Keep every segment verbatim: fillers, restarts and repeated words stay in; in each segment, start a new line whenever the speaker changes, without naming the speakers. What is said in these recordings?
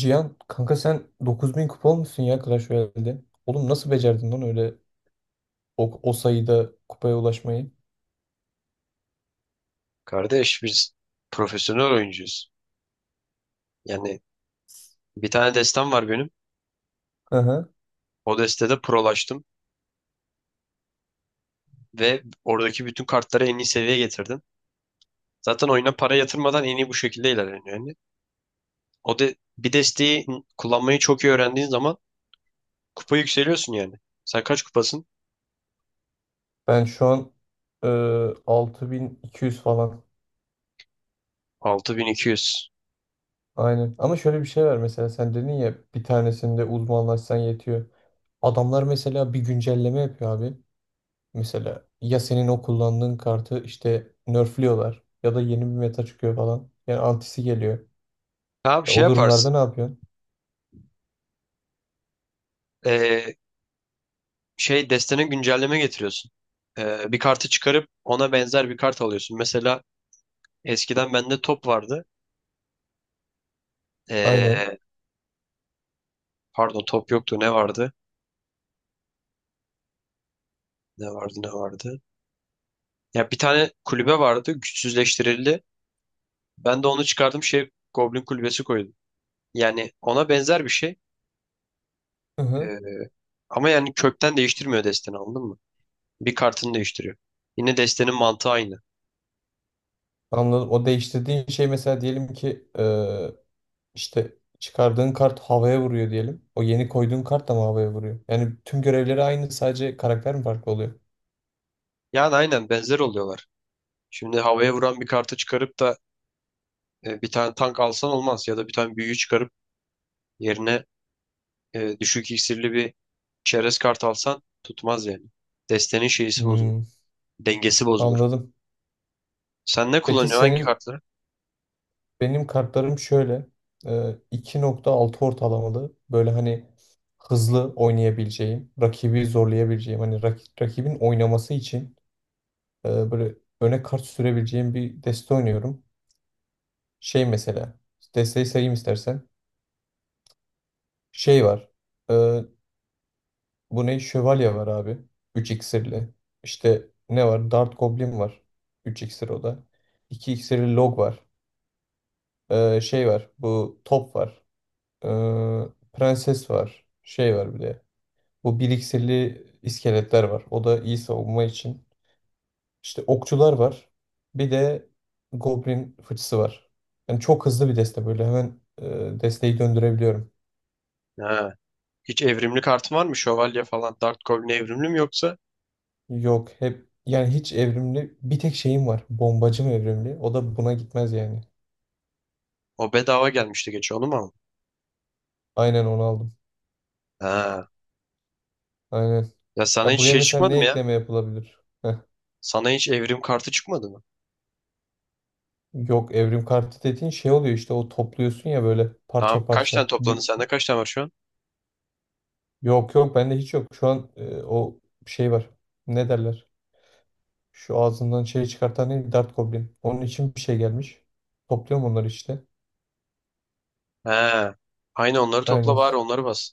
Cihan kanka sen dokuz bin kupa olmuşsun ya Clash Royale'de. Oğlum nasıl becerdin lan öyle o, o sayıda kupaya ulaşmayı?
Kardeş biz profesyonel oyuncuyuz. Yani Bir tane destem var benim.
Hı hı.
O destede prolaştım ve oradaki bütün kartları en iyi seviyeye getirdim. Zaten oyuna para yatırmadan en iyi bu şekilde ilerleniyor yani. O de bir desteği kullanmayı çok iyi öğrendiğin zaman kupa yükseliyorsun yani. Sen kaç kupasın?
Ben şu an e, altı bin iki yüz falan.
altı bin iki yüz.
Aynen. Ama şöyle bir şey var, mesela sen dedin ya bir tanesinde uzmanlaşsan yetiyor. Adamlar mesela bir güncelleme yapıyor abi. Mesela ya senin o kullandığın kartı işte nerfliyorlar ya da yeni bir meta çıkıyor falan. Yani antisi geliyor.
Abi
E,
şey
o durumlarda
yaparsın.
ne yapıyorsun?
Ee, şey destene güncelleme getiriyorsun. Ee, bir kartı çıkarıp ona benzer bir kart alıyorsun. Mesela eskiden bende top vardı.
Aynen.
Ee, Pardon top yoktu ne vardı? Ne vardı ne vardı. Ya bir tane kulübe vardı, güçsüzleştirildi. Ben de onu çıkardım, şey Goblin kulübesi koydum. Yani ona benzer bir şey.
Hı hı.
Ee, Ama yani kökten değiştirmiyor desteni, anladın mı? Bir kartını değiştiriyor. Yine destenin mantığı aynı.
Anladım. O değiştirdiğin şey, mesela diyelim ki, eee, işte çıkardığın kart havaya vuruyor diyelim. O yeni koyduğun kart da mı havaya vuruyor? Yani tüm görevleri aynı, sadece karakter mi farklı oluyor?
Yani aynen benzer oluyorlar. Şimdi havaya vuran bir kartı çıkarıp da e, bir tane tank alsan olmaz. Ya da bir tane büyüyü çıkarıp yerine e, düşük iksirli bir çerez kart alsan tutmaz yani. Destenin şeysi bozulur.
Hmm,
Dengesi bozulur.
anladım.
Sen ne
Peki
kullanıyorsun? Hangi
senin.
kartları?
Benim kartlarım şöyle, e, iki nokta altı ortalamalı böyle, hani hızlı oynayabileceğim, rakibi zorlayabileceğim, hani rak- rakibin oynaması için e, böyle öne kart sürebileceğim bir deste oynuyorum. Şey, mesela desteği sayayım istersen. Şey var, e, bu ne, şövalye var abi, üç iksirli. İşte ne var, Dart Goblin var, üç iksir o da. iki iksirli Log var. E, şey var, bu top var. Ee, prenses var. Şey var bir de. Bu bir iksirli iskeletler var. O da iyi savunma için. İşte okçular var. Bir de goblin fıçısı var. Yani çok hızlı bir deste böyle. Hemen e, desteği döndürebiliyorum.
Ha. Hiç evrimli kartın var mı? Şövalye falan. Dark Goblin evrimli mi yoksa?
Yok, hep yani hiç evrimli bir tek şeyim var. Bombacım evrimli. O da buna gitmez yani.
O bedava gelmişti geçen, onu mu aldın?
Aynen, onu aldım.
Ha.
Aynen.
Ya sana
Ya
hiç
buraya
şey
mesela
çıkmadı
ne
mı ya?
ekleme yapılabilir? Heh.
Sana hiç evrim kartı çıkmadı mı?
Yok, evrim kartı dediğin şey oluyor işte, o topluyorsun ya böyle
Tamam.
parça
Kaç tane
parça.
topladın?
Bir,
Sende kaç tane var şu an?
yok yok, bende hiç yok. Şu an e, o şey var. Ne derler? Şu ağzından şey çıkartan ne? Dart Goblin. Onun için bir şey gelmiş. Topluyorum onları işte.
He. Aynı onları topla
Aynen.
bari, onları bas.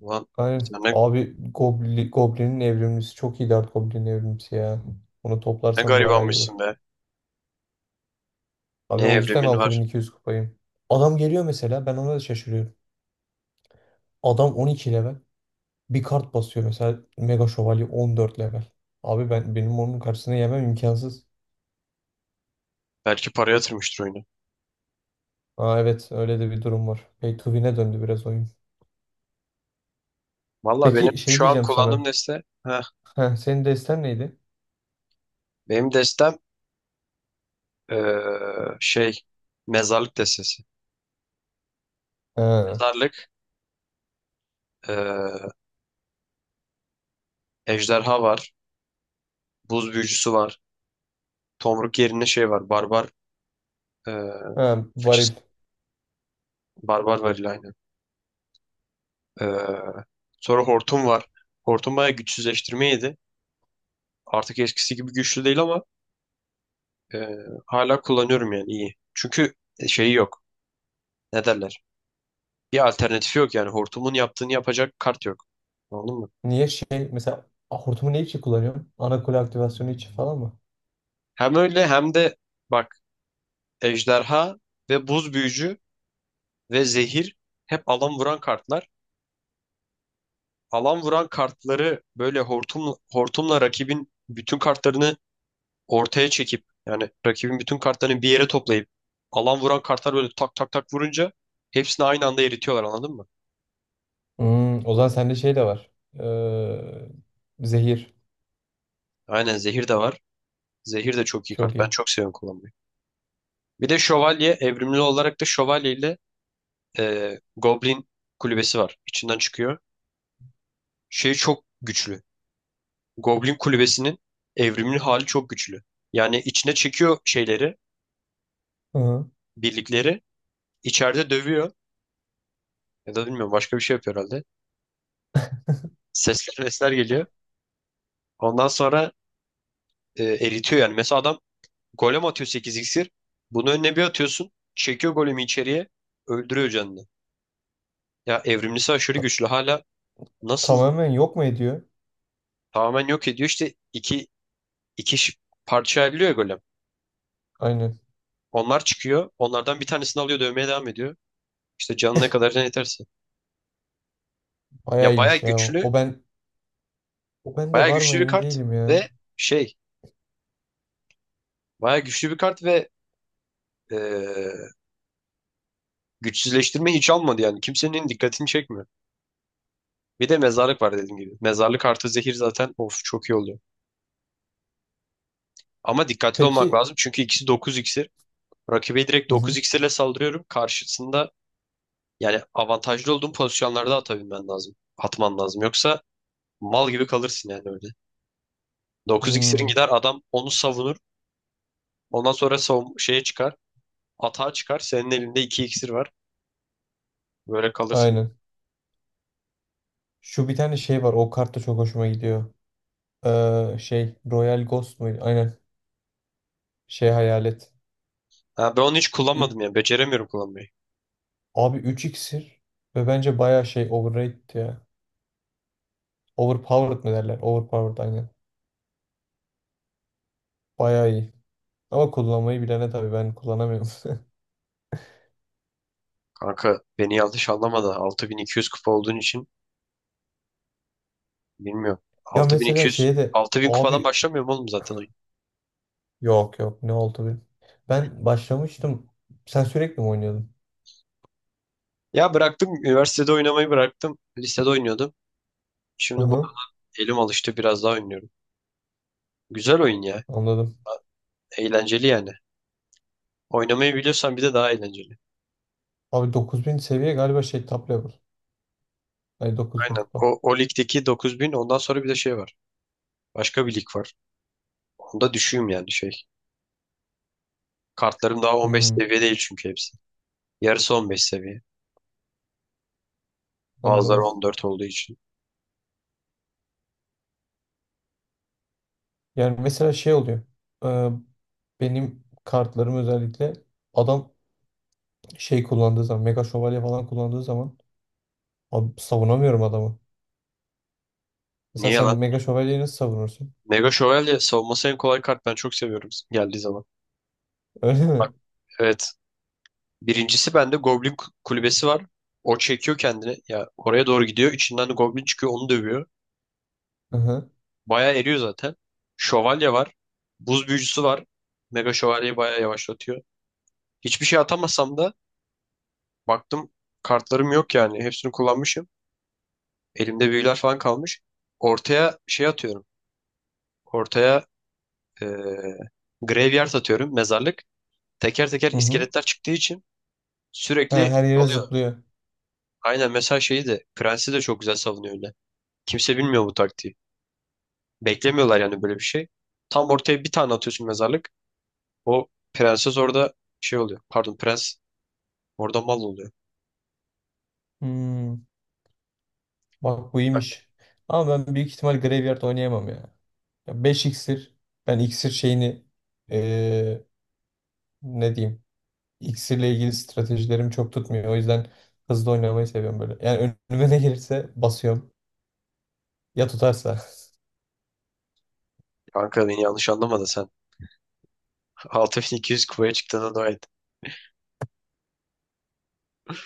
Ulan
Aynen.
sen ne,
Abi Goblin, Goblin'in evrimlisi çok iyi, Dart Goblin'in evrimlisi ya. Onu
ne
toplarsam bayağı iyi
garibanmışsın
olur.
be. Ne
Abi o yüzden
evrimin
altı bin
var.
iki yüz kupayım. Adam geliyor mesela, ben ona da şaşırıyorum. Adam on iki level. Bir kart basıyor mesela, Mega Şövalye on dört level. Abi ben, benim onun karşısına yemem imkansız.
Belki para yatırmıştır oyuna.
Aa, evet, öyle de bir durum var. Pay to win'e döndü biraz oyun.
Valla benim
Peki şey
şu an
diyeceğim
kullandığım
sana.
deste. Heh,
Heh, senin desten neydi?
benim destem eee, şey mezarlık destesi.
Ha,
Mezarlık eee, ejderha var. Buz büyücüsü var. Tomruk yerine şey var. Barbar e,
ha,
fıçısı.
varil.
Barbar var aynen. E, Sonra Hortum var. Hortum bayağı güçsüzleştirme yedi. Artık eskisi gibi güçlü değil ama e, hala kullanıyorum yani iyi. Çünkü e, şeyi yok. Ne derler? Bir alternatifi yok yani. Hortumun yaptığını yapacak kart yok. Anladın mı?
Niye şey mesela, a, hortumu ne için kullanıyorsun? Ana kule aktivasyonu için falan mı?
Hem öyle hem de bak, ejderha ve buz büyücü ve zehir hep alan vuran kartlar. Alan vuran kartları böyle hortum, hortumla rakibin bütün kartlarını ortaya çekip, yani rakibin bütün kartlarını bir yere toplayıp alan vuran kartlar böyle tak tak tak vurunca hepsini aynı anda eritiyorlar, anladın mı?
Hmm, o zaman sende şey de var. Ee, zehir.
Aynen, zehir de var. Zehir de çok iyi
Çok
kart. Ben
iyi.
çok seviyorum kullanmayı. Bir de şövalye, evrimli olarak da şövalye ile e, Goblin kulübesi var. İçinden çıkıyor. Şey çok güçlü. Goblin kulübesinin evrimli hali çok güçlü. Yani içine çekiyor şeyleri,
Hı hı.
birlikleri. İçeride dövüyor. Ya da bilmiyorum başka bir şey yapıyor herhalde. Sesler sesler geliyor. Ondan sonra e, eritiyor yani. Mesela adam golem atıyor, sekiz iksir. Bunu önüne bir atıyorsun. Çekiyor golemi içeriye. Öldürüyor canını. Ya evrimlisi aşırı
Ta-
güçlü. Hala nasıl
tamamen yok mu ediyor?
tamamen yok ediyor. İşte iki, iki ş- parça ayrılıyor ya golem.
Aynen.
Onlar çıkıyor. Onlardan bir tanesini alıyor, dövmeye devam ediyor. İşte canına kadar, can yeterse.
Bayağı
Ya baya
iyiymiş ya. O
güçlü.
O ben o bende
Baya
var mı
güçlü bir
emin
kart.
değilim ya.
Ve şey baya güçlü bir kart ve e, güçsüzleştirme hiç almadı yani. Kimsenin dikkatini çekmiyor. Bir de mezarlık var dediğim gibi. Mezarlık artı zehir zaten of çok iyi oluyor. Ama dikkatli olmak
Peki.
lazım çünkü ikisi dokuz iksir. Rakibe direkt
Hı
dokuz
hı.
iksirle saldırıyorum. Karşısında yani avantajlı olduğum pozisyonlarda atabilmen lazım. Atman lazım. Yoksa mal gibi kalırsın yani öyle. Dokuz iksirin
Hmm,
gider, adam onu savunur. Ondan sonra savun şeye çıkar. Atağa çıkar. Senin elinde iki iksir var. Böyle kalırsın.
aynen. Şu bir tane şey var. O kart da çok hoşuma gidiyor. Ee, şey, Royal Ghost muydu? Aynen. Şey, hayalet.
Ha, ben onu hiç
Üç,
kullanmadım ya. Beceremiyorum kullanmayı.
abi üç iksir ve bence baya şey, overrated ya. Overpowered mı derler? Overpowered, aynen. Baya iyi. Ama kullanmayı bilene tabii, ben kullanamıyorum.
Kanka beni yanlış anlama da altı bin iki yüz kupa olduğun için bilmiyorum.
Ya
altı bin iki
mesela
yüz
şeye de,
altı bin kupadan
abi,
başlamıyorum oğlum zaten oyun.
yok yok, ne oldu benim? Ben başlamıştım. Sen sürekli mi oynuyordun?
Ya bıraktım. Üniversitede oynamayı bıraktım. Lisede oynuyordum.
Hı
Şimdi bu
hı.
elim alıştı, biraz daha oynuyorum. Güzel oyun ya.
Anladım.
Eğlenceli yani. Oynamayı biliyorsan bir de daha eğlenceli.
Abi dokuz bin seviye galiba, şey, top level. Hayır, dokuz bin
Aynen.
kupa.
O, o ligdeki dokuz bin, ondan sonra bir de şey var. Başka bir lig var. Onda düşüğüm yani şey. Kartlarım daha on beş
Hmm,
seviye değil çünkü hepsi. Yarısı on beş seviye. Bazıları
anladım.
on dört olduğu için.
Yani mesela şey oluyor. Ee, benim kartlarım özellikle, adam şey kullandığı zaman, Mega Şövalye falan kullandığı zaman, abi savunamıyorum adamı. Mesela
Niye
sen
lan?
Mega Şövalyeyi nasıl savunursun?
Mega Şövalye savunması en kolay kart. Ben çok seviyorum geldiği zaman.
Öyle mi?
Evet. Birincisi bende Goblin ku- kulübesi var. O çekiyor kendini. Ya oraya doğru gidiyor. İçinden de Goblin çıkıyor. Onu dövüyor.
Hı hı.
Bayağı eriyor zaten. Şövalye var. Buz büyücüsü var. Mega şövalyeyi bayağı yavaşlatıyor. Hiçbir şey atamasam da baktım kartlarım yok yani. Hepsini kullanmışım. Elimde büyüler falan kalmış. Ortaya şey atıyorum. Ortaya eee graveyard atıyorum. Mezarlık. Teker teker
Hı hı.
iskeletler çıktığı için
Ha,
sürekli
her yere
oluyor.
zıplıyor.
Aynen, mesela şeyi de, Prensi de çok güzel savunuyor öyle. Kimse bilmiyor bu taktiği. Beklemiyorlar yani böyle bir şey. Tam ortaya bir tane atıyorsun mezarlık. O prenses orada şey oluyor. Pardon prens orada mal oluyor.
Hmm, bak bu iyiymiş. Ama ben büyük ihtimal Graveyard oynayamam ya. Ya beş iksir. Ben iksir şeyini eee, ne diyeyim? İksirle ilgili stratejilerim çok tutmuyor. O yüzden hızlı oynamayı seviyorum böyle. Yani önüme ne gelirse basıyorum. Ya tutarsa.
Kanka beni yanlış anlama da sen altı bin iki yüz kupaya çıktığına dua et.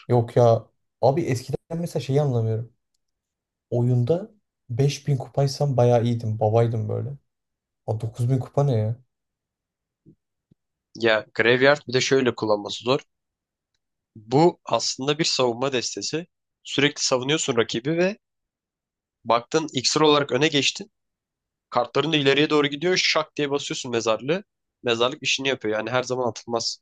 Yok ya. Abi eskiden mesela şeyi anlamıyorum. Oyunda beş bin kupaysam bayağı iyiydim. Babaydım böyle. Aa, dokuz bin kupa ne ya?
Ya Graveyard bir de şöyle kullanması zor. Bu aslında bir savunma destesi. Sürekli savunuyorsun rakibi ve baktın iksir olarak öne geçtin. Kartların da ileriye doğru gidiyor. Şak diye basıyorsun mezarlığı. Mezarlık işini yapıyor. Yani her zaman atılmaz.